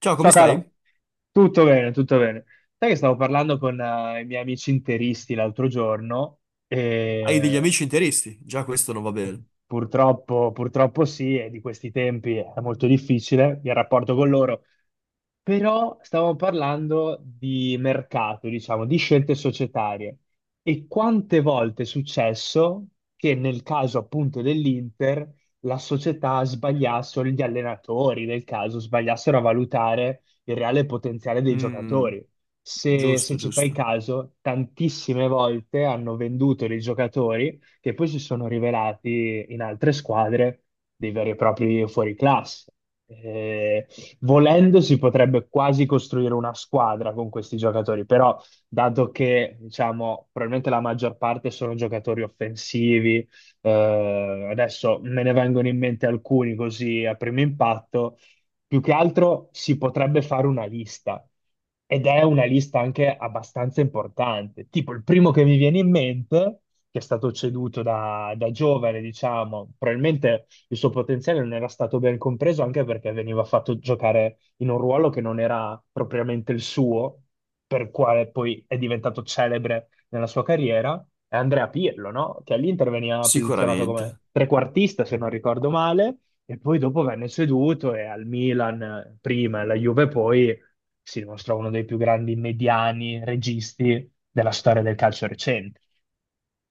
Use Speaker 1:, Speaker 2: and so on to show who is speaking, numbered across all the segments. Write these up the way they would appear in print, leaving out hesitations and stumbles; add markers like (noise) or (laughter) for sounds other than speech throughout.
Speaker 1: Ciao, come
Speaker 2: Ciao caro,
Speaker 1: stai?
Speaker 2: tutto bene, tutto bene. Sai che stavo parlando con i miei amici interisti l'altro giorno.
Speaker 1: Hai degli amici interisti? Già questo non va bene.
Speaker 2: Purtroppo, purtroppo sì, e di questi tempi è molto difficile il rapporto con loro. Però stavamo parlando di mercato, diciamo, di scelte societarie. E quante volte è successo che nel caso appunto dell'Inter la società sbagliasse, o gli allenatori del caso sbagliassero a valutare il reale potenziale dei
Speaker 1: Mm,
Speaker 2: giocatori. Se,
Speaker 1: giusto,
Speaker 2: se ci fai
Speaker 1: giusto.
Speaker 2: caso, tantissime volte hanno venduto dei giocatori che poi si sono rivelati in altre squadre dei veri e propri fuoriclasse. Eh, Volendo si potrebbe quasi costruire una squadra con questi giocatori, però dato che diciamo probabilmente la maggior parte sono giocatori offensivi, adesso me ne vengono in mente alcuni così a primo impatto, più che altro si potrebbe fare una lista ed è una lista anche abbastanza importante. Tipo il primo che mi viene in mente, che è stato ceduto da giovane, diciamo, probabilmente il suo potenziale non era stato ben compreso anche perché veniva fatto giocare in un ruolo che non era propriamente il suo, per quale poi è diventato celebre nella sua carriera. È Andrea Pirlo, no? Che all'Inter veniva posizionato come
Speaker 1: Sicuramente.
Speaker 2: trequartista, se non ricordo male, e poi dopo venne ceduto e al Milan prima, e alla Juve poi, si dimostra uno dei più grandi mediani registi della storia del calcio recente.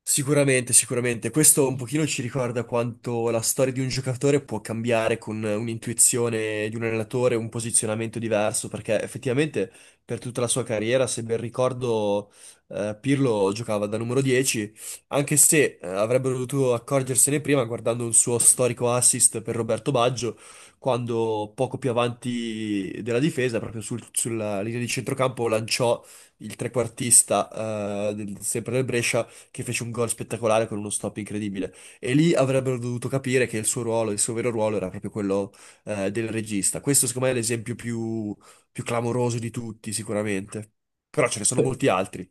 Speaker 1: Sicuramente, sicuramente. Questo un pochino ci ricorda quanto la storia di un giocatore può cambiare con un'intuizione di un allenatore, un posizionamento diverso, perché effettivamente per tutta la sua carriera, se ben ricordo, Pirlo giocava da numero 10, anche se avrebbero dovuto accorgersene prima guardando un suo storico assist per Roberto Baggio, quando poco più avanti della difesa, proprio sulla linea di centrocampo, lanciò il trequartista sempre del Brescia che fece un gol spettacolare con uno stop incredibile. E lì avrebbero dovuto capire che il suo ruolo, il suo vero ruolo era proprio quello del regista. Questo, secondo me, è l'esempio più clamoroso di tutti, sicuramente. Però ce ne sono molti
Speaker 2: Sì.
Speaker 1: altri.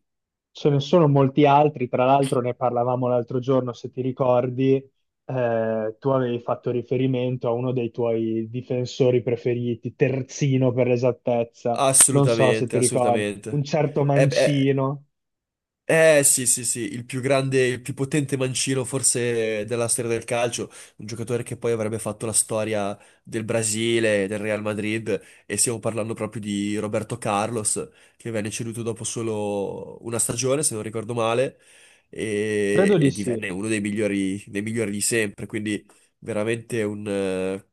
Speaker 2: Ce ne sono molti altri, tra l'altro ne parlavamo l'altro giorno, se ti ricordi, tu avevi fatto riferimento a uno dei tuoi difensori preferiti, terzino per l'esattezza, non so se
Speaker 1: Assolutamente,
Speaker 2: ti ricordi, un
Speaker 1: assolutamente.
Speaker 2: certo
Speaker 1: E beh,
Speaker 2: Mancino,
Speaker 1: eh sì, sì, sì, il più grande, il più potente mancino forse della storia del calcio, un giocatore che poi avrebbe fatto la storia del Brasile, del Real Madrid e stiamo parlando proprio di Roberto Carlos che venne ceduto dopo solo una stagione, se non ricordo male, e,
Speaker 2: credo di
Speaker 1: e
Speaker 2: sì.
Speaker 1: divenne uno dei migliori di sempre, quindi veramente un, eh,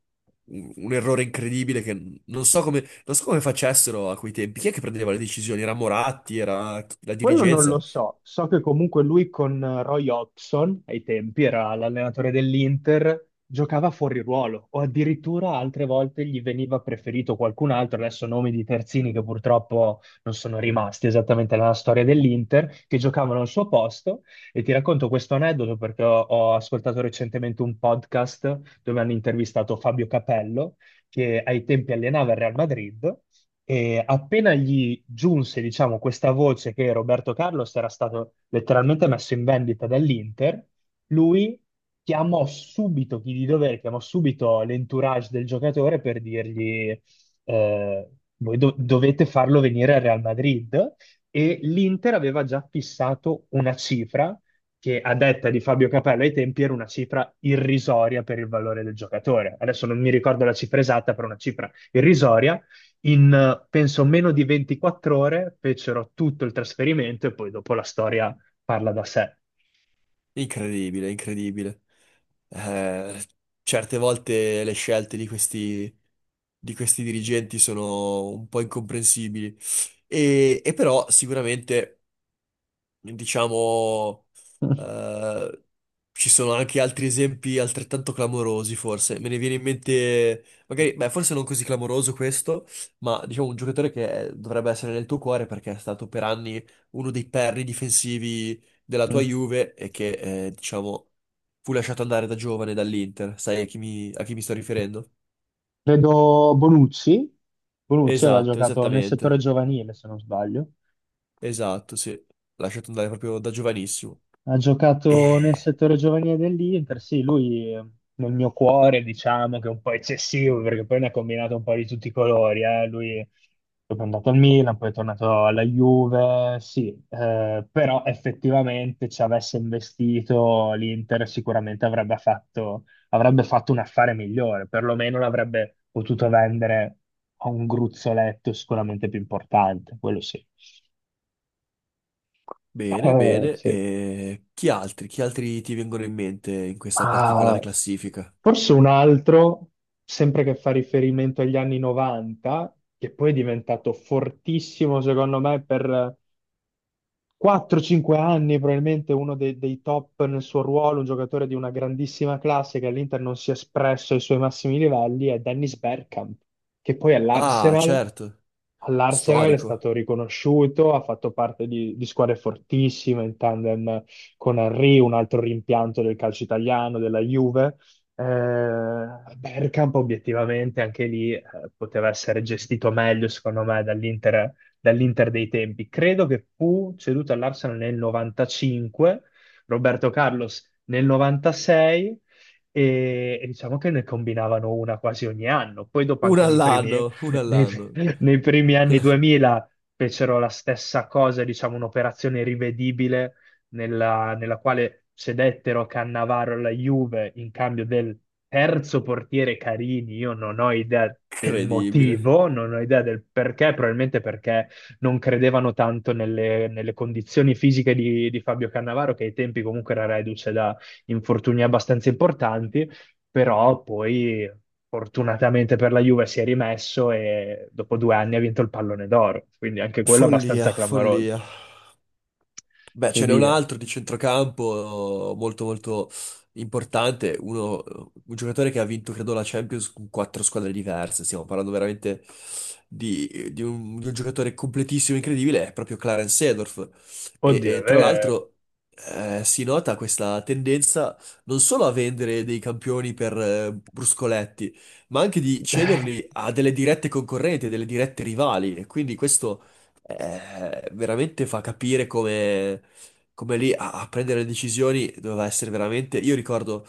Speaker 1: un- un errore incredibile che non so come, non so come facessero a quei tempi, chi è che prendeva le decisioni? Era Moratti, era la
Speaker 2: Quello non lo
Speaker 1: dirigenza?
Speaker 2: so, so che comunque lui con Roy Hodgson, ai tempi era l'allenatore dell'Inter, giocava fuori ruolo o addirittura altre volte gli veniva preferito qualcun altro, adesso nomi di terzini che purtroppo non sono rimasti esattamente nella storia dell'Inter, che giocavano al suo posto. E ti racconto questo aneddoto perché ho ascoltato recentemente un podcast dove hanno intervistato Fabio Capello che ai tempi allenava il Real Madrid e appena gli giunse, diciamo, questa voce che Roberto Carlos era stato letteralmente messo in vendita dall'Inter, lui chiamò subito chi di dovere, chiamò subito l'entourage del giocatore per dirgli eh, voi dovete farlo venire al Real Madrid. E l'Inter aveva già fissato una cifra che a detta di Fabio Capello ai tempi era una cifra irrisoria per il valore del giocatore. Adesso non mi ricordo la cifra esatta, però una cifra irrisoria in penso meno di 24 ore fecero tutto il trasferimento e poi dopo la storia parla da sé.
Speaker 1: Incredibile, incredibile. Eh, certe volte le scelte di questi dirigenti sono un po' incomprensibili. E però sicuramente diciamo, eh, ci sono anche altri esempi altrettanto clamorosi, forse. Me ne viene in mente, magari, beh, forse non così clamoroso questo, ma diciamo un giocatore che dovrebbe essere nel tuo cuore perché è stato per anni uno dei perni difensivi della tua
Speaker 2: Mm.
Speaker 1: Juve e che, diciamo, fu lasciato andare da giovane dall'Inter. Sai a chi a chi mi sto riferendo?
Speaker 2: Vedo Bonucci. Bonucci aveva
Speaker 1: Esatto,
Speaker 2: giocato nel settore
Speaker 1: esattamente.
Speaker 2: giovanile, se non sbaglio.
Speaker 1: Esatto, sì. Lasciato andare proprio da giovanissimo.
Speaker 2: Ha giocato nel
Speaker 1: E
Speaker 2: settore giovanile dell'Inter, sì, lui nel mio cuore diciamo che è un po' eccessivo perché poi ne ha combinato un po' di tutti i colori, eh. Lui è andato al Milan, poi è tornato alla Juve, sì, però effettivamente ci avesse investito l'Inter sicuramente avrebbe fatto un affare migliore, perlomeno l'avrebbe potuto vendere a un gruzzoletto sicuramente più importante, quello sì.
Speaker 1: bene, bene.
Speaker 2: Sì.
Speaker 1: E chi altri? Chi altri ti vengono in mente in questa particolare
Speaker 2: Ma
Speaker 1: classifica?
Speaker 2: forse un altro, sempre che fa riferimento agli anni 90, che poi è diventato fortissimo secondo me per 4-5 anni, probabilmente uno dei top nel suo ruolo, un giocatore di una grandissima classe che all'Inter non si è espresso ai suoi massimi livelli, è Dennis Bergkamp, che poi
Speaker 1: Ah,
Speaker 2: all'Arsenal
Speaker 1: certo,
Speaker 2: all'Arsenal è
Speaker 1: storico.
Speaker 2: stato riconosciuto, ha fatto parte di squadre fortissime in tandem con Henry, un altro rimpianto del calcio italiano, della Juve. Eh, Bergkamp obiettivamente anche lì poteva essere gestito meglio, secondo me, dall'Inter dei tempi. Credo che fu ceduto all'Arsenal nel 95, Roberto Carlos nel 96 e diciamo che ne combinavano una quasi ogni anno. Poi dopo
Speaker 1: Uno
Speaker 2: anche nei primi,
Speaker 1: all'anno, uno
Speaker 2: nei-
Speaker 1: all'anno.
Speaker 2: nei primi anni 2000 fecero la stessa cosa, diciamo un'operazione rivedibile nella quale cedettero Cannavaro alla Juve in cambio del terzo portiere Carini. Io non ho idea del
Speaker 1: Incredibile.
Speaker 2: motivo, non ho idea del perché, probabilmente perché non credevano tanto nelle condizioni fisiche di Fabio Cannavaro, che ai tempi comunque era reduce da infortuni abbastanza importanti, però poi fortunatamente per la Juve si è rimesso e dopo 2 anni ha vinto il pallone d'oro, quindi anche quello
Speaker 1: Follia,
Speaker 2: abbastanza clamoroso.
Speaker 1: follia. Beh,
Speaker 2: Che
Speaker 1: ce n'è un
Speaker 2: dire,
Speaker 1: altro di centrocampo molto importante, un giocatore che ha vinto, credo, la Champions con quattro squadre diverse. Stiamo parlando veramente di un giocatore completissimo, incredibile, è proprio Clarence Seedorf. E,
Speaker 2: oddio,
Speaker 1: e tra l'altro si nota questa tendenza non solo a vendere dei campioni per bruscoletti, ma anche di cederli
Speaker 2: (laughs)
Speaker 1: a delle dirette concorrenti, a delle dirette rivali. E quindi questo veramente fa capire come lì a prendere le decisioni doveva essere veramente. Io ricordo,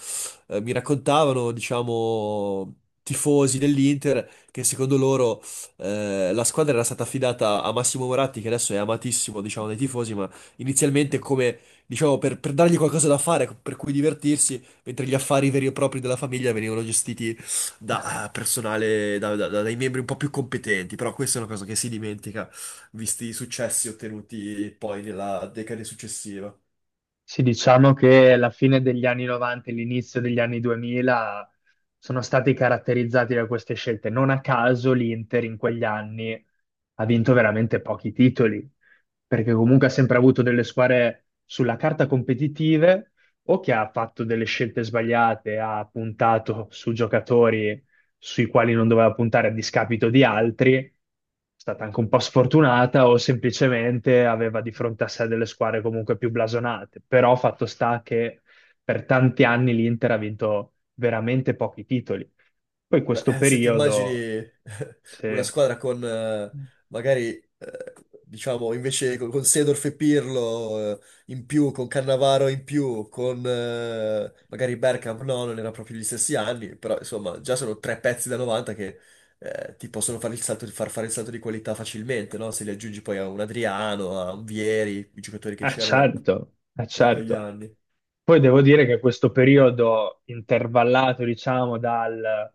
Speaker 1: mi raccontavano, diciamo, tifosi dell'Inter che secondo loro la squadra era stata affidata a Massimo Moratti, che adesso è amatissimo, diciamo, dai tifosi, ma inizialmente come, diciamo, per dargli qualcosa da fare, per cui divertirsi, mentre gli affari veri e propri della famiglia venivano gestiti da personale, dai membri un po' più competenti. Però questa è una cosa che si dimentica visti i successi ottenuti poi nella decade successiva.
Speaker 2: Sì, diciamo che la fine degli anni 90 e l'inizio degli anni 2000 sono stati caratterizzati da queste scelte. Non a caso l'Inter in quegli anni ha vinto veramente pochi titoli, perché comunque ha sempre avuto delle squadre sulla carta competitive o che ha fatto delle scelte sbagliate, ha puntato su giocatori sui quali non doveva puntare a discapito di altri, è stata anche un po' sfortunata o semplicemente aveva di fronte a sé delle squadre comunque più blasonate. Però fatto sta che per tanti anni l'Inter ha vinto veramente pochi titoli. Poi
Speaker 1: Beh,
Speaker 2: questo
Speaker 1: se ti immagini (laughs)
Speaker 2: periodo,
Speaker 1: una
Speaker 2: se.
Speaker 1: squadra con magari, eh, diciamo, invece con Seedorf e Pirlo in più, con Cannavaro in più, con magari Bergkamp, no, non era proprio gli stessi anni, però insomma già sono tre pezzi da 90 che ti possono fare il salto, far fare il salto di qualità facilmente, no? Se li aggiungi poi a un Adriano, a un Vieri, i giocatori che
Speaker 2: Ah
Speaker 1: c'erano
Speaker 2: certo, ah
Speaker 1: in quegli
Speaker 2: certo.
Speaker 1: anni.
Speaker 2: Poi devo dire che questo periodo intervallato, diciamo, dal,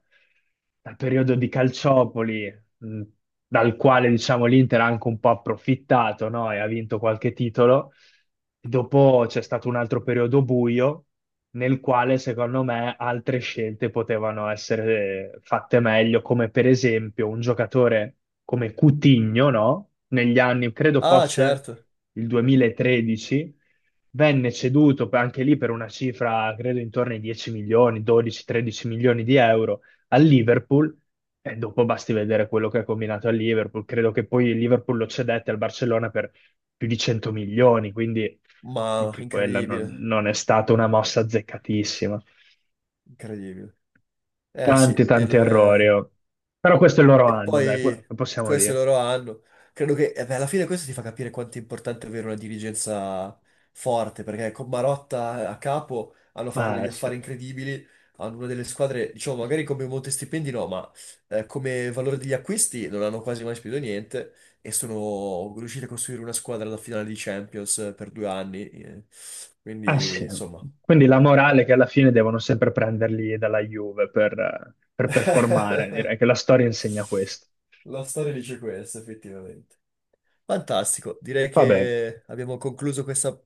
Speaker 2: dal periodo di Calciopoli, dal quale, diciamo, l'Inter ha anche un po' approfittato, no? E ha vinto qualche titolo. Dopo c'è stato un altro periodo buio, nel quale secondo me altre scelte potevano essere fatte meglio, come per esempio un giocatore come Coutinho, no? Negli anni, credo
Speaker 1: Ah,
Speaker 2: fosse
Speaker 1: certo.
Speaker 2: il 2013, venne ceduto anche lì per una cifra, credo intorno ai 10 milioni, 12-13 milioni di euro al Liverpool. E dopo basti vedere quello che ha combinato al Liverpool. Credo che poi il Liverpool lo cedette al Barcellona per più di 100 milioni, quindi
Speaker 1: Ma
Speaker 2: anche quella non,
Speaker 1: incredibile,
Speaker 2: non è stata una mossa azzeccatissima.
Speaker 1: incredibile. Eh
Speaker 2: Tanti,
Speaker 1: sì,
Speaker 2: tanti errori.
Speaker 1: il...
Speaker 2: Oh. Però questo è il loro
Speaker 1: e
Speaker 2: anno, dai,
Speaker 1: poi
Speaker 2: lo possiamo
Speaker 1: questo è il
Speaker 2: dire.
Speaker 1: loro anno. Credo che eh beh, alla fine questo ti fa capire quanto è importante avere una dirigenza forte, perché con Marotta a capo hanno fatto
Speaker 2: Ma
Speaker 1: degli
Speaker 2: sì.
Speaker 1: affari incredibili, hanno una delle squadre, diciamo, magari come monte stipendi no, ma come valore degli acquisti non hanno quasi mai speso niente e sono riusciti a costruire una squadra alla finale di Champions per 2 anni. Eh.
Speaker 2: Ah,
Speaker 1: Quindi,
Speaker 2: sì.
Speaker 1: insomma...
Speaker 2: Quindi la morale è che alla fine devono sempre prenderli dalla Juve per performare,
Speaker 1: (laughs)
Speaker 2: direi che la storia insegna questo.
Speaker 1: La storia dice questo, effettivamente. Fantastico, direi
Speaker 2: Va bene.
Speaker 1: che abbiamo concluso questa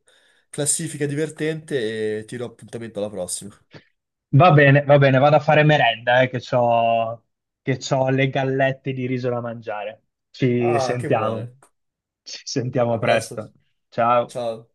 Speaker 1: classifica divertente e ti do appuntamento alla prossima.
Speaker 2: Va bene, va bene, vado a fare merenda, che c'ho le gallette di riso da mangiare. Ci
Speaker 1: Ah, che buone.
Speaker 2: sentiamo. Ci sentiamo
Speaker 1: A presto.
Speaker 2: presto. Ciao.
Speaker 1: Ciao.